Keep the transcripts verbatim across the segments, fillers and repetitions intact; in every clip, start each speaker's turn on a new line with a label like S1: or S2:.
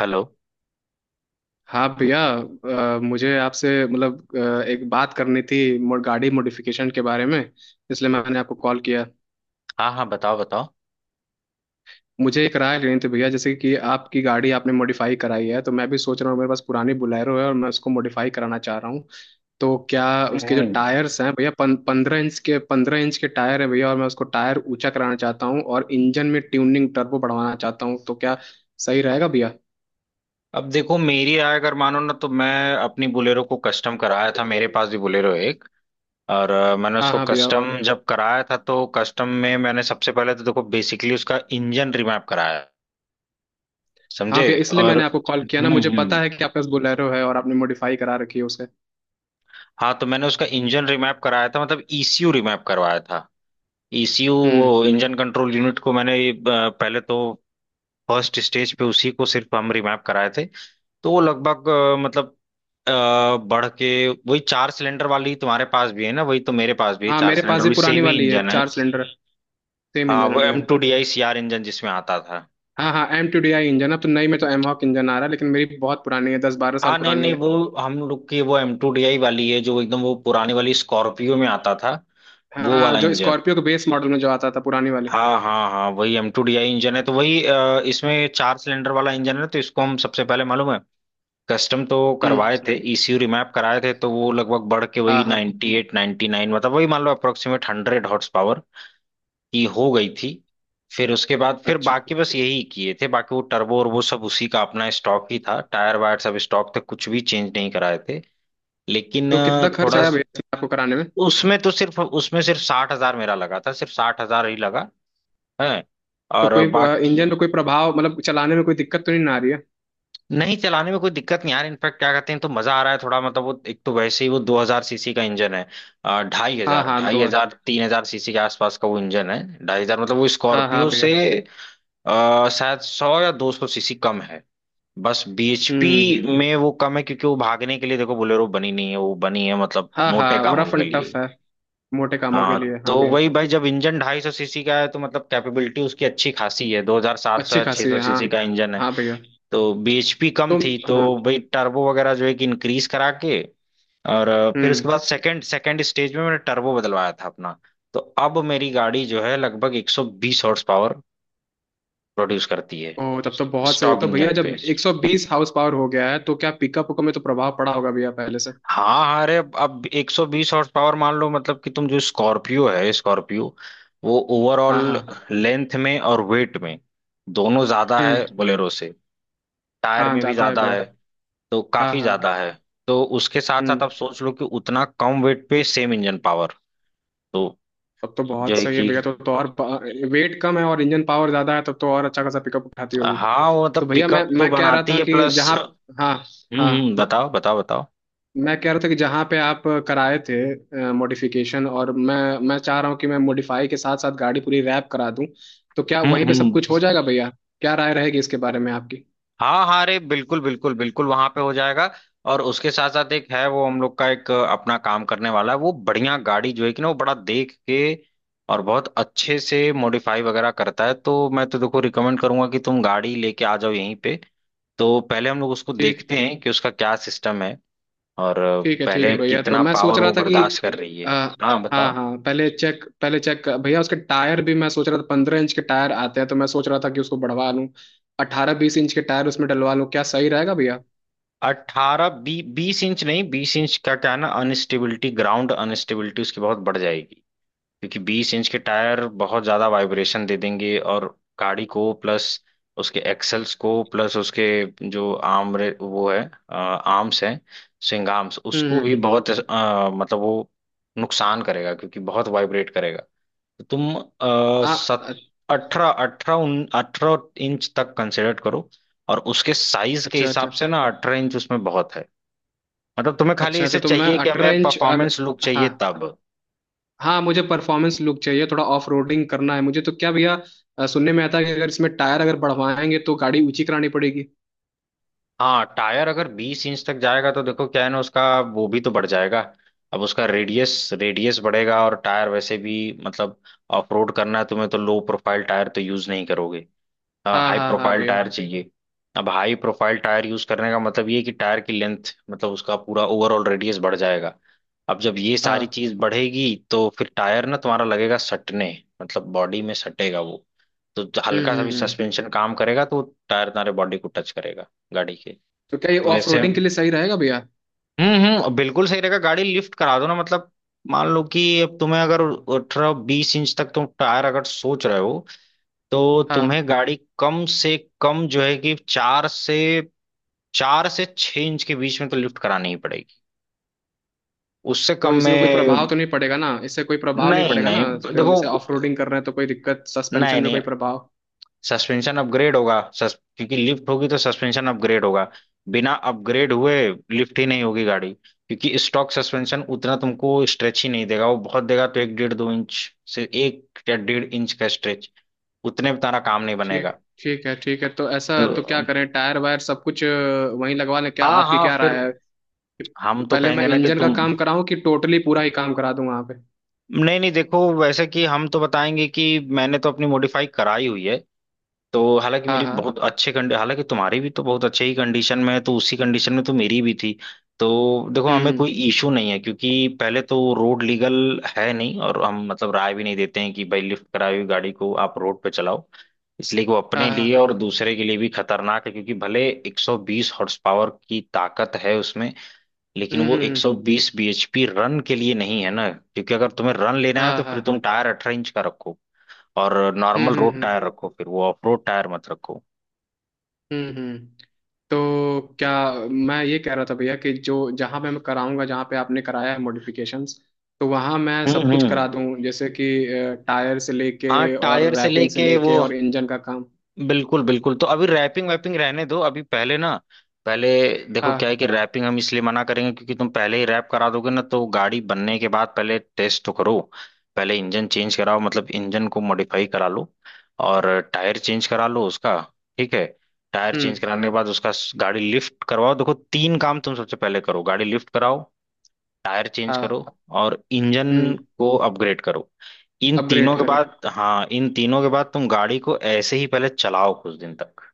S1: Hello.
S2: हाँ भैया। अ, मुझे आपसे मतलब अ, एक बात करनी थी मो- गाड़ी मॉडिफिकेशन के बारे में। इसलिए मैंने आपको कॉल किया।
S1: हाँ हाँ, बताओ बताओ।
S2: मुझे एक राय लेनी थी भैया जैसे कि आपकी गाड़ी आपने मॉडिफाई कराई है तो मैं भी सोच रहा हूँ, मेरे पास पुरानी बुलेरो है और मैं उसको मॉडिफाई कराना चाह रहा हूँ। तो क्या उसके जो
S1: हम्म।
S2: टायर्स हैं भैया, पं, पंद्रह इंच के पंद्रह इंच के टायर हैं भैया, और मैं उसको टायर ऊंचा कराना चाहता हूँ और इंजन में ट्यूनिंग टर्बो बढ़वाना चाहता हूँ। तो क्या सही रहेगा भैया?
S1: अब देखो, मेरी राय अगर मानो ना, तो मैं अपनी बोलेरो को कस्टम कराया था, मेरे पास भी बोलेरो एक। और अ, मैंने
S2: हाँ
S1: उसको
S2: हाँ भैया।
S1: कस्टम जब कराया था तो कस्टम में मैंने सबसे पहले तो देखो बेसिकली उसका इंजन रिमैप कराया।
S2: हाँ
S1: समझे?
S2: भैया इसलिए
S1: और
S2: मैंने आपको कॉल किया ना,
S1: हम्म
S2: मुझे
S1: हम्म।
S2: पता है कि आपके पास बोलेरो है और आपने मॉडिफाई करा रखी है उसे।
S1: हाँ, तो मैंने उसका इंजन रिमैप कराया था, मतलब ईसीयू रिमैप करवाया था। ईसीयू
S2: हम्म।
S1: वो इंजन कंट्रोल यूनिट को मैंने अ, पहले तो फर्स्ट स्टेज पे उसी को सिर्फ हम रिमैप कराए थे। तो वो लगभग अ, मतलब अ, बढ़ के वही चार सिलेंडर वाली, तुम्हारे पास भी है ना वही, तो मेरे पास भी है
S2: हाँ
S1: चार
S2: मेरे
S1: सिलेंडर,
S2: पास ये
S1: भी
S2: पुरानी
S1: सेम ही
S2: वाली है,
S1: इंजन है।
S2: चार सिलेंडर। सेम
S1: हाँ,
S2: इंजन है
S1: वो एम
S2: भैया।
S1: Two D I C R engine जिसमें आता था।
S2: हाँ हाँ, M two D I engine है। अब तो नई में तो एमहॉक इंजन आ रहा है लेकिन मेरी बहुत पुरानी है, दस बारह साल
S1: हाँ नहीं
S2: पुरानी
S1: नहीं,
S2: है।
S1: वो हम लोग की वो एम टू डी आई वाली है, जो एकदम वो पुरानी वाली स्कॉर्पियो में आता था
S2: हाँ
S1: वो
S2: हाँ,
S1: वाला
S2: जो
S1: इंजन।
S2: स्कॉर्पियो के बेस मॉडल में जो आता था पुरानी वाली।
S1: हाँ हाँ हाँ, वही M two D I engine है। तो वही अ, इसमें चार सिलेंडर वाला इंजन है, तो इसको हम सबसे पहले मालूम है कस्टम तो
S2: हम्म।
S1: करवाए थे, ईसीयू रिमैप कराए थे। तो वो लगभग बढ़ के
S2: हाँ
S1: वही
S2: हाँ।
S1: Ninety eight eight ninety nine, मतलब वही मान लो अप्रोक्सीमेट हंड्रेड हॉर्स पावर की हो गई थी। फिर उसके बाद फिर
S2: अच्छा।
S1: बाकी बस यही किए थे, बाकी वो टर्बो और वो सब उसी का अपना स्टॉक ही था, टायर वायर सब स्टॉक थे, कुछ भी चेंज नहीं कराए थे। लेकिन
S2: तो
S1: अ,
S2: कितना खर्च
S1: थोड़ा
S2: आया
S1: स-
S2: भैया इसमें आपको कराने में?
S1: उसमें तो सिर्फ, उसमें सिर्फ साठ हजार मेरा लगा था, सिर्फ साठ हजार ही लगा है।
S2: तो
S1: और
S2: कोई
S1: बाकी
S2: इंजन में कोई प्रभाव मतलब चलाने में कोई दिक्कत तो नहीं ना आ रही है?
S1: नहीं, चलाने में कोई दिक्कत नहीं यार, इनफैक्ट क्या कहते हैं तो मजा आ रहा है थोड़ा। मतलब वो एक तो वैसे ही वो दो हजार सीसी का इंजन है, अ, ढाई
S2: हाँ
S1: हजार
S2: हाँ
S1: ढाई
S2: दो।
S1: हजार तीन हजार सीसी के आसपास का वो इंजन है। ढाई हजार मतलब वो
S2: हाँ हाँ
S1: स्कॉर्पियो से
S2: भैया।
S1: अ, शायद सौ या दो सौ सीसी कम है। बस
S2: हम्म।
S1: बी एच पी में वो कम है, क्योंकि वो भागने के लिए देखो बोलेरो बनी नहीं है, वो बनी है मतलब
S2: हाँ
S1: मोटे
S2: हाँ,
S1: कामों
S2: रफ
S1: के
S2: एंड
S1: लिए।
S2: टफ है। मोटे कामों के
S1: हाँ,
S2: लिए,
S1: तो
S2: हाँ भैया।
S1: वही भाई जब इंजन ढाई सौ सीसी का है, तो मतलब कैपेबिलिटी उसकी अच्छी खासी है, दो हजार सात सौ
S2: अच्छी
S1: या छह
S2: खासी
S1: सौ
S2: है, हाँ।
S1: सीसी का इंजन है।
S2: हाँ भैया।
S1: तो बी एच पी कम
S2: तुम।
S1: थी तो
S2: हाँ।
S1: भाई टर्बो वगैरह जो है कि इंक्रीज करा के। और अ, फिर उसके
S2: हम्म।
S1: बाद सेकंड सेकंड स्टेज में मैंने टर्बो बदलवाया था अपना। तो अब मेरी गाड़ी जो है लगभग एक सौ बीस हॉर्स पावर प्रोड्यूस करती है
S2: ओ तब तो बहुत सही है।
S1: स्टॉक
S2: तो भैया
S1: इंजन
S2: जब
S1: पे।
S2: एक सौ बीस हाउस पावर हो गया है तो क्या पिकअप को में तो प्रभाव पड़ा होगा भैया पहले से?
S1: हाँ हाँ, अरे अब अब एक सौ बीस हॉर्स पावर मान लो, मतलब कि तुम जो स्कॉर्पियो है, स्कॉर्पियो वो
S2: हाँ
S1: ओवरऑल
S2: हाँ।
S1: लेंथ में और वेट में दोनों ज्यादा
S2: हम्म।
S1: है बोलेरो से। टायर
S2: हाँ
S1: में भी
S2: जाता है
S1: ज्यादा
S2: भैया।
S1: है, तो
S2: हाँ
S1: काफी
S2: हाँ।
S1: ज्यादा है। तो उसके साथ
S2: हम्म।
S1: साथ आप सोच लो कि उतना कम वेट पे सेम इंजन पावर, तो
S2: तब तो
S1: जो
S2: बहुत
S1: है
S2: सही है
S1: कि।
S2: भैया। तो, तो और वेट कम है और इंजन पावर ज्यादा है, तब तो और अच्छा खासा पिकअप उठाती होगी।
S1: हाँ वो
S2: तो
S1: मतलब
S2: भैया मैं
S1: पिकअप तो
S2: मैं कह रहा
S1: बनाती
S2: था
S1: है
S2: कि
S1: प्लस।
S2: जहाँ।
S1: हम्म।
S2: हाँ हाँ।
S1: हम्म, बताओ बताओ बताओ।
S2: मैं कह रहा था कि जहाँ पे आप कराए थे मॉडिफिकेशन, और मैं मैं चाह रहा हूँ कि मैं मॉडिफाई के साथ साथ गाड़ी पूरी रैप करा दूँ। तो क्या
S1: हम्म
S2: वहीं पे सब कुछ हो
S1: हम्म।
S2: जाएगा भैया? क्या राय रहेगी इसके बारे में आपकी?
S1: हाँ हाँ, अरे बिल्कुल बिल्कुल बिल्कुल, वहां पे हो जाएगा। और उसके साथ साथ एक है वो हम लोग का एक अपना काम करने वाला है, वो बढ़िया गाड़ी जो है कि ना वो बड़ा देख के और बहुत अच्छे से मॉडिफाई वगैरह करता है। तो मैं तो देखो रिकमेंड करूंगा कि तुम गाड़ी लेके आ जाओ यहीं पे। तो पहले हम लोग उसको
S2: ठीक।
S1: देखते हैं कि उसका क्या सिस्टम है, और
S2: ठीक है ठीक
S1: पहले
S2: है भैया, तो
S1: कितना
S2: मैं सोच
S1: पावर
S2: रहा
S1: वो
S2: था कि
S1: बर्दाश्त कर रही
S2: अ,
S1: है। हाँ
S2: हाँ
S1: बताओ।
S2: हाँ पहले चेक, पहले चेक भैया उसके टायर भी मैं सोच रहा था, पंद्रह इंच के टायर आते हैं तो मैं सोच रहा था कि उसको बढ़वा लूँ। अठारह बीस इंच के टायर उसमें डलवा लूँ, क्या सही रहेगा भैया?
S1: अट्ठारह बी बीस इंच नहीं, बीस इंच का क्या है ना, अनस्टेबिलिटी, ग्राउंड अनस्टेबिलिटी उसकी बहुत बढ़ जाएगी, क्योंकि बीस इंच के टायर बहुत ज्यादा वाइब्रेशन दे देंगे। और गाड़ी को प्लस उसके एक्सल्स को प्लस उसके जो आर्म रे- वो है, आर्म्स है, स्विंग आर्म्स,
S2: हम्म
S1: उसको भी
S2: हम्म।
S1: बहुत अ, मतलब वो नुकसान करेगा, क्योंकि बहुत वाइब्रेट करेगा। तो तुम आ,
S2: हाँ अ-
S1: सत अठारह अठारह उन अठारह इंच तक कंसिडर करो। और उसके साइज के
S2: अच्छा अच्छा।
S1: हिसाब से ना अठारह इंच उसमें बहुत है। मतलब तुम्हें खाली
S2: अच्छा अच्छा
S1: इसे
S2: तो मैं
S1: चाहिए कि
S2: अठारह
S1: हमें
S2: इंच अगर।
S1: परफॉर्मेंस लुक
S2: हाँ
S1: चाहिए तब।
S2: हाँ, मुझे परफॉर्मेंस लुक चाहिए, थोड़ा ऑफ रोडिंग करना है मुझे। तो क्या भैया अ, सुनने में आता है कि अगर इसमें टायर अगर बढ़वाएंगे तो गाड़ी ऊंची करानी पड़ेगी?
S1: हाँ, टायर अगर बीस इंच तक जाएगा तो देखो क्या है ना उसका वो भी तो बढ़ जाएगा। अब उसका रेडियस रेडियस बढ़ेगा, और टायर वैसे भी मतलब ऑफ रोड करना है तुम्हें, तो लो प्रोफाइल टायर तो यूज नहीं करोगे, हाँ,
S2: हाँ
S1: हाई
S2: हाँ हाँ
S1: प्रोफाइल
S2: भैया।
S1: टायर चाहिए। अब हाई प्रोफाइल टायर यूज करने का मतलब ये है कि टायर की लेंथ, मतलब उसका पूरा ओवरऑल रेडियस बढ़ जाएगा। अब जब ये सारी
S2: हाँ।
S1: चीज बढ़ेगी तो फिर टायर ना तुम्हारा लगेगा सटने, मतलब बॉडी में सटेगा वो। तो
S2: हम्म
S1: हल्का सा भी
S2: हम्म हम्म।
S1: सस्पेंशन काम करेगा तो टायर तुम्हारे बॉडी को टच करेगा गाड़ी।
S2: तो क्या ये
S1: तो
S2: ऑफ
S1: ऐसे
S2: रोडिंग
S1: हम्म
S2: के लिए सही रहेगा भैया?
S1: हम्म, बिल्कुल सही रहेगा, गाड़ी लिफ्ट करा दो ना। मतलब मान लो कि अब तुम्हें अगर अठारह बीस इंच तक तुम टायर अगर सोच रहे हो, तो
S2: हाँ।
S1: तुम्हें गाड़ी कम से कम जो है कि चार से, चार से छह इंच के बीच में तो लिफ्ट करानी ही पड़ेगी, उससे
S2: तो
S1: कम
S2: इसमें कोई प्रभाव
S1: में
S2: तो नहीं पड़ेगा ना, इससे कोई प्रभाव नहीं
S1: नहीं।
S2: पड़ेगा
S1: नहीं
S2: ना, इस पे जैसे
S1: देखो,
S2: ऑफ रोडिंग कर रहे हैं तो कोई दिक्कत सस्पेंशन
S1: नहीं
S2: में
S1: नहीं,
S2: कोई प्रभाव?
S1: सस्पेंशन अपग्रेड होगा, सस, क्योंकि लिफ्ट होगी तो सस्पेंशन अपग्रेड होगा। बिना अपग्रेड हुए लिफ्ट ही नहीं होगी गाड़ी, क्योंकि स्टॉक सस्पेंशन उतना तुमको स्ट्रेच ही नहीं देगा, वो बहुत देगा तो एक डेढ़ दो इंच, से एक या डेढ़ इंच का स्ट्रेच। उतने में तारा काम नहीं
S2: ठीक।
S1: बनेगा।
S2: ठीक है ठीक है, तो
S1: तो
S2: ऐसा तो क्या करें, टायर वायर सब कुछ अ, वहीं लगवा लें क्या?
S1: हाँ
S2: आपकी
S1: हाँ,
S2: क्या
S1: फिर
S2: राय है कि
S1: हम तो
S2: पहले मैं
S1: कहेंगे ना कि
S2: इंजन का
S1: तुम
S2: काम कराऊं कि टोटली पूरा ही काम करा दूं वहां पे?
S1: नहीं नहीं देखो, वैसे कि हम तो बताएंगे कि मैंने तो अपनी मॉडिफाई कराई हुई है। तो हालांकि
S2: हाँ
S1: मेरी
S2: हाँ।
S1: बहुत अच्छे कंडी, हालांकि तुम्हारी भी तो बहुत अच्छे ही कंडीशन में है, तो उसी कंडीशन में तो मेरी भी थी। तो देखो हमें
S2: हम्म।
S1: कोई इशू नहीं है, क्योंकि पहले तो रोड लीगल है नहीं। और हम मतलब राय भी नहीं देते हैं कि भाई लिफ्ट कराई हुई गाड़ी को आप रोड पे चलाओ, इसलिए कि वो
S2: हाँ
S1: अपने लिए
S2: हाँ।
S1: और दूसरे के लिए भी खतरनाक है। क्योंकि भले एक सौ बीस हॉर्स पावर की ताकत है उसमें, लेकिन
S2: हम्म
S1: वो
S2: हम्म हम्म,
S1: एक सौ बीस बी एच पी रन के लिए नहीं है ना। क्योंकि अगर तुम्हें रन लेना है, तो
S2: हाँ
S1: फिर
S2: हाँ।
S1: तुम टायर अठारह इंच का रखो और
S2: हम्म
S1: नॉर्मल
S2: हम्म
S1: रोड
S2: हम्म
S1: टायर रखो, फिर वो ऑफ रोड टायर मत रखो।
S2: हम्म हम्म। तो क्या मैं ये कह रहा था भैया कि जो जहाँ पे मैं कराऊंगा, जहाँ पे आपने कराया है मॉडिफिकेशंस, तो वहाँ मैं सब
S1: हम्म
S2: कुछ करा
S1: हम्म।
S2: दूँ, जैसे कि टायर से लेके
S1: हाँ
S2: और
S1: टायर से
S2: रैपिंग से
S1: लेके वो
S2: लेके और इंजन का काम।
S1: बिल्कुल बिल्कुल। तो अभी रैपिंग वैपिंग रहने दो अभी, पहले ना पहले देखो क्या है
S2: हाँ।
S1: कि रैपिंग हम इसलिए मना करेंगे, क्योंकि तुम पहले ही रैप करा दोगे ना, तो गाड़ी बनने के बाद पहले टेस्ट तो करो। पहले इंजन चेंज कराओ, मतलब इंजन को मॉडिफाई करा लो और टायर चेंज करा लो उसका, ठीक है? टायर चेंज
S2: हम्म।
S1: कराने के बाद उसका गाड़ी लिफ्ट करवाओ। देखो तीन काम तुम सबसे पहले करो: गाड़ी लिफ्ट कराओ, टायर चेंज करो
S2: हाँ।
S1: और इंजन
S2: हम्म।
S1: को अपग्रेड करो। इन तीनों
S2: अपग्रेड
S1: के
S2: करें।
S1: बाद, हाँ इन तीनों के बाद तुम गाड़ी को ऐसे ही पहले चलाओ कुछ दिन तक।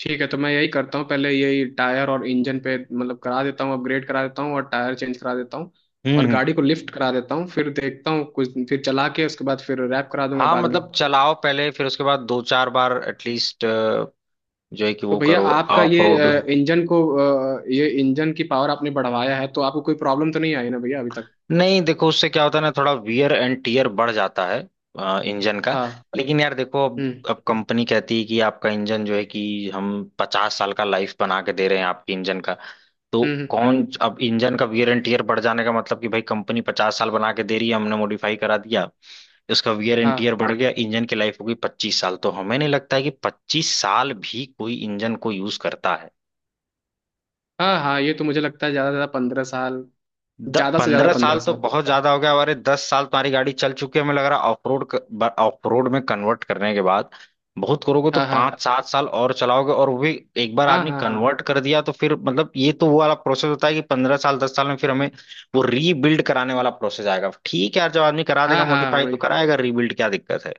S2: ठीक है तो मैं यही करता हूँ, पहले यही टायर और इंजन पे मतलब करा देता हूँ, अपग्रेड करा देता हूँ और टायर चेंज करा देता हूँ
S1: हम्म।
S2: और गाड़ी को लिफ्ट करा देता हूँ, फिर देखता हूँ कुछ फिर चला के, उसके बाद फिर रैप करा दूंगा
S1: हाँ
S2: बाद में।
S1: मतलब चलाओ पहले, फिर उसके बाद दो चार बार एटलीस्ट जो है कि
S2: तो
S1: वो
S2: भैया
S1: करो,
S2: आपका
S1: ऑफ
S2: ये
S1: रोड।
S2: अ, इंजन को अ, ये इंजन की पावर आपने बढ़वाया है तो आपको कोई प्रॉब्लम तो नहीं आई ना भैया अभी तक?
S1: नहीं देखो, उससे क्या होता है ना, थोड़ा वियर एंड टीयर बढ़ जाता है इंजन का।
S2: हाँ।
S1: लेकिन यार देखो, अब
S2: हम्म
S1: अब कंपनी कहती है कि आपका इंजन जो है कि हम पचास साल का लाइफ बना के दे रहे हैं आपके इंजन का। तो
S2: हम्म हम्म,
S1: कौन, अब इंजन का वियर एंड टीयर बढ़ जाने का मतलब कि भाई कंपनी पचास साल बना के दे रही है, हमने मॉडिफाई करा दिया, उसका वियर एंड टीयर
S2: हाँ
S1: बढ़ गया, इंजन की लाइफ हो गई पच्चीस साल। तो हमें नहीं लगता है कि पच्चीस साल भी कोई इंजन को यूज करता।
S2: हाँ। हाँ ये तो मुझे लगता है ज़्यादा से ज़्यादा पंद्रह साल।
S1: द,
S2: ज़्यादा से ज़्यादा
S1: पंद्रह साल
S2: पंद्रह
S1: तो
S2: साल।
S1: बहुत ज्यादा हो गया, हमारे दस साल तुम्हारी गाड़ी चल चुकी है, हमें लग रहा ऑफ रोड, ऑफ रोड में कन्वर्ट करने के बाद बहुत करोगे तो
S2: हाँ हाँ।
S1: पाँच सात साल और चलाओगे। और वो भी एक बार
S2: हाँ
S1: आदमी
S2: हाँ। हाँ
S1: कन्वर्ट कर दिया तो फिर मतलब ये तो वो वाला प्रोसेस होता है कि पंद्रह साल दस साल में फिर हमें वो रीबिल्ड कराने वाला प्रोसेस आएगा। ठीक है यार, जब आदमी करा देगा
S2: हाँ। हाँ
S1: मॉडिफाई तो
S2: वही।
S1: कराएगा रीबिल्ड, क्या दिक्कत है।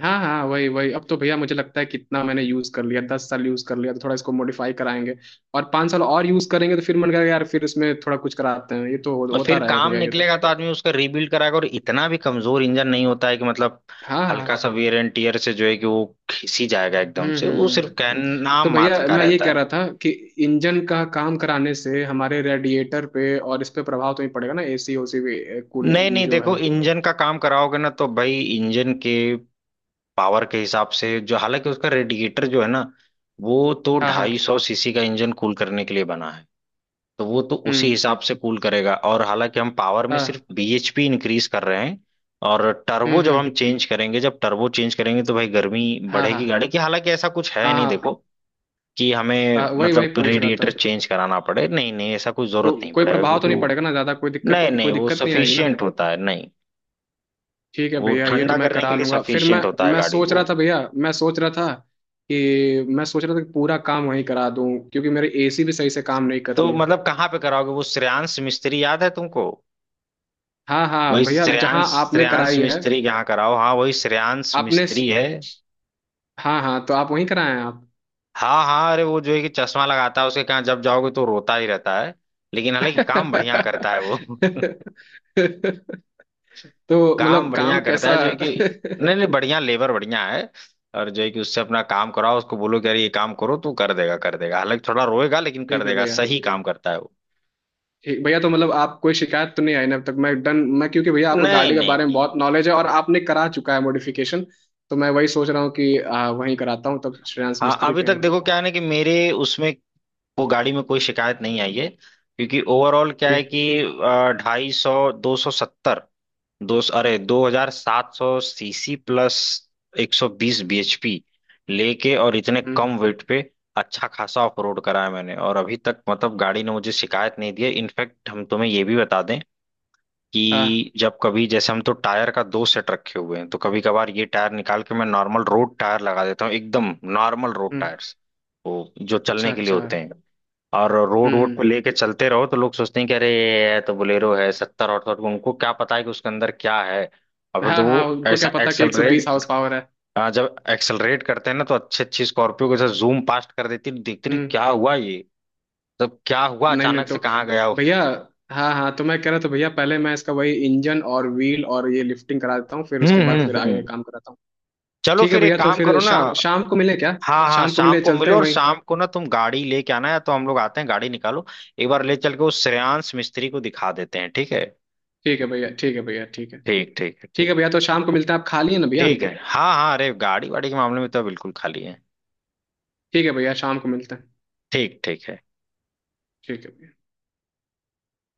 S2: हाँ हाँ वही वही, अब तो भैया मुझे लगता है कितना मैंने यूज कर लिया, दस साल यूज कर लिया, तो थोड़ा इसको मॉडिफाई कराएंगे और पाँच साल और यूज करेंगे। तो फिर मन करेगा यार फिर इसमें थोड़ा कुछ कराते हैं, ये तो हो,
S1: और
S2: होता
S1: फिर
S2: रहेगा
S1: काम
S2: भैया ये तो।
S1: निकलेगा तो आदमी उसका रीबिल्ड कराएगा। और इतना भी कमजोर इंजन नहीं होता है कि मतलब
S2: हाँ हाँ
S1: हल्का
S2: हाँ।
S1: सा वेयर एंड टियर से जो है कि वो खिसी जाएगा एकदम
S2: हम्म
S1: से,
S2: हम्म
S1: वो
S2: हम्म।
S1: सिर्फ
S2: हम्म।
S1: कहना
S2: तो भैया
S1: मात्र का
S2: मैं ये
S1: रहता
S2: कह
S1: है।
S2: रहा था कि इंजन का काम कराने से हमारे रेडिएटर पे और इस पे प्रभाव तो ही पड़ेगा ना, एसी ओसी भी कूल
S1: नहीं नहीं
S2: जो
S1: देखो,
S2: है।
S1: इंजन का काम कराओगे ना तो भाई इंजन के पावर के हिसाब से जो, हालांकि उसका रेडिएटर जो है ना वो तो
S2: हाँ हाँ।
S1: ढाई सौ सीसी का इंजन कूल करने के लिए बना है। तो वो तो उसी
S2: हम्म।
S1: हिसाब से कूल करेगा, और हालांकि हम पावर में सिर्फ
S2: हाँ।
S1: बी एच पी इंक्रीज कर रहे हैं। और
S2: हम्म
S1: टर्बो जब हम
S2: हम्म।
S1: चेंज करेंगे, जब टर्बो चेंज करेंगे तो भाई गर्मी
S2: हाँ
S1: बढ़ेगी
S2: हाँ।
S1: गाड़ी की, हालांकि ऐसा कुछ है
S2: हाँ
S1: नहीं
S2: हाँ।
S1: देखो कि हमें
S2: हाँ, वही वही
S1: मतलब
S2: पूछ रहा था।
S1: रेडिएटर चेंज कराना पड़े। नहीं नहीं, ऐसा कोई
S2: तो
S1: जरूरत नहीं
S2: कोई
S1: पड़ेगा,
S2: प्रभाव तो
S1: क्योंकि
S2: नहीं
S1: वो
S2: पड़ेगा ना ज्यादा, कोई दिक्कत,
S1: नहीं नहीं,
S2: कोई
S1: वो
S2: दिक्कत नहीं आएगी ना?
S1: सफिशियंट होता है नहीं,
S2: ठीक है
S1: वो
S2: भैया ये तो
S1: ठंडा
S2: मैं
S1: करने
S2: करा
S1: के लिए
S2: लूंगा। फिर मैं
S1: सफिशियंट होता है
S2: मैं
S1: गाड़ी
S2: सोच रहा
S1: को।
S2: था भैया, मैं सोच रहा था कि मैं सोच रहा था कि पूरा काम वहीं करा दूं क्योंकि मेरी एसी भी सही से काम नहीं कर
S1: तो
S2: रही है।
S1: मतलब कहाँ पे कराओगे? वो श्रेयांश मिस्त्री, याद है तुमको?
S2: हाँ
S1: वही
S2: हाँ भैया
S1: श्रेयांश,
S2: जहाँ आपने
S1: श्रेयांश
S2: कराई है।
S1: मिस्त्री के यहाँ कराओ, हाँ वही श्रेयांश
S2: आपने।
S1: मिस्त्री है।
S2: हाँ हाँ तो आप वहीं कराए हैं आप?
S1: हाँ हाँ, अरे वो जो है कि चश्मा लगाता है, उसके कहाँ जब जाओगे तो रोता ही रहता है, लेकिन हालांकि काम बढ़िया करता है वो।
S2: तो
S1: काम
S2: मतलब
S1: बढ़िया
S2: काम
S1: करता
S2: कैसा?
S1: है जो है कि, नहीं नहीं बढ़िया, लेबर बढ़िया है। और जो है कि उससे अपना काम कराओ, उसको बोलो कि अरे ये काम करो तो कर देगा, कर देगा, हालांकि थोड़ा रोएगा लेकिन कर
S2: ठीक है
S1: देगा,
S2: भैया।
S1: सही काम करता है वो।
S2: ठीक भैया, तो मतलब आप कोई शिकायत तो नहीं आई ना अब तक? मैं डन, मैं, क्योंकि भैया आपको
S1: नहीं
S2: गाड़ी के
S1: नहीं
S2: बारे में
S1: नहीं।
S2: बहुत नॉलेज है और आपने करा चुका है मॉडिफिकेशन। तो मैं वही सोच रहा हूँ कि आ, वहीं कराता हूँ तब श्रेयांश
S1: हाँ
S2: मिस्त्री
S1: अभी
S2: के
S1: तक
S2: यहाँ ही।
S1: देखो क्या है ना कि मेरे उसमें वो गाड़ी में कोई शिकायत नहीं आई है, क्योंकि ओवरऑल क्या है
S2: ठीक।
S1: कि ढाई सौ, दो सौ सत्तर, दो अरे दो हजार सात सौ सीसी प्लस एक सौ बीस बी एच पी लेके और इतने
S2: हम्म।
S1: कम वेट पे अच्छा खासा ऑफ रोड करा है मैंने। और अभी तक मतलब गाड़ी ने मुझे शिकायत नहीं दी है। इनफैक्ट हम तुम्हें ये भी बता दें
S2: हाँ।
S1: कि जब कभी, जैसे हम तो टायर का दो सेट रखे हुए हैं, तो कभी कभार ये टायर निकाल के मैं नॉर्मल रोड टायर लगा देता हूँ, एकदम नॉर्मल रोड
S2: हम्म।
S1: टायर्स, वो जो
S2: अच्छा
S1: चलने के लिए
S2: अच्छा।
S1: होते
S2: हम्म
S1: हैं, और रोड वोड पे
S2: हम्म,
S1: लेके चलते रहो तो लोग सोचते हैं कि अरे ये तो बोलेरो है सत्तर अठहत्तर को, उनको क्या पता है कि उसके अंदर क्या है। और फिर
S2: हाँ
S1: जब
S2: हाँ
S1: वो
S2: उनको क्या
S1: ऐसा
S2: पता कि एक सौ बीस
S1: एक्सेलरेट,
S2: हाउस पावर है।
S1: आ, जब एक्सेलरेट करते हैं ना तो अच्छे अच्छी स्कॉर्पियो के साथ जूम पास्ट कर देती है, तो देखते रहे
S2: हम्म।
S1: क्या हुआ ये सब, क्या हुआ
S2: नहीं नहीं
S1: अचानक
S2: तो
S1: से कहाँ गया वो।
S2: भैया। हाँ हाँ तो मैं कह रहा था भैया, पहले मैं इसका वही इंजन और व्हील और ये लिफ्टिंग करा देता हूँ, फिर
S1: हम्म
S2: उसके बाद फिर
S1: हम्म
S2: आगे
S1: हम्म।
S2: काम कराता हूँ।
S1: चलो
S2: ठीक है
S1: फिर
S2: भैया
S1: एक
S2: तो
S1: काम
S2: फिर
S1: करो ना।
S2: शाम शाम को मिले क्या?
S1: हाँ हाँ,
S2: शाम को
S1: शाम
S2: मिले
S1: को
S2: चलते
S1: मिलो
S2: हैं
S1: और
S2: वहीं।
S1: शाम को ना तुम गाड़ी लेके आना है, तो हम लोग आते हैं, गाड़ी निकालो, एक बार ले चल के उस श्रेयांश मिस्त्री को दिखा देते हैं, ठीक है?
S2: ठीक है भैया ठीक है भैया ठीक है।
S1: ठीक ठीक है
S2: ठीक
S1: ठीक।
S2: है भैया तो शाम को मिलते हैं, आप खाली है ना भैया?
S1: ठीक है हाँ हाँ, अरे गाड़ी वाड़ी के मामले में तो बिल्कुल खाली है।
S2: ठीक है भैया शाम को मिलते हैं।
S1: ठीक ठीक है।
S2: ठीक है।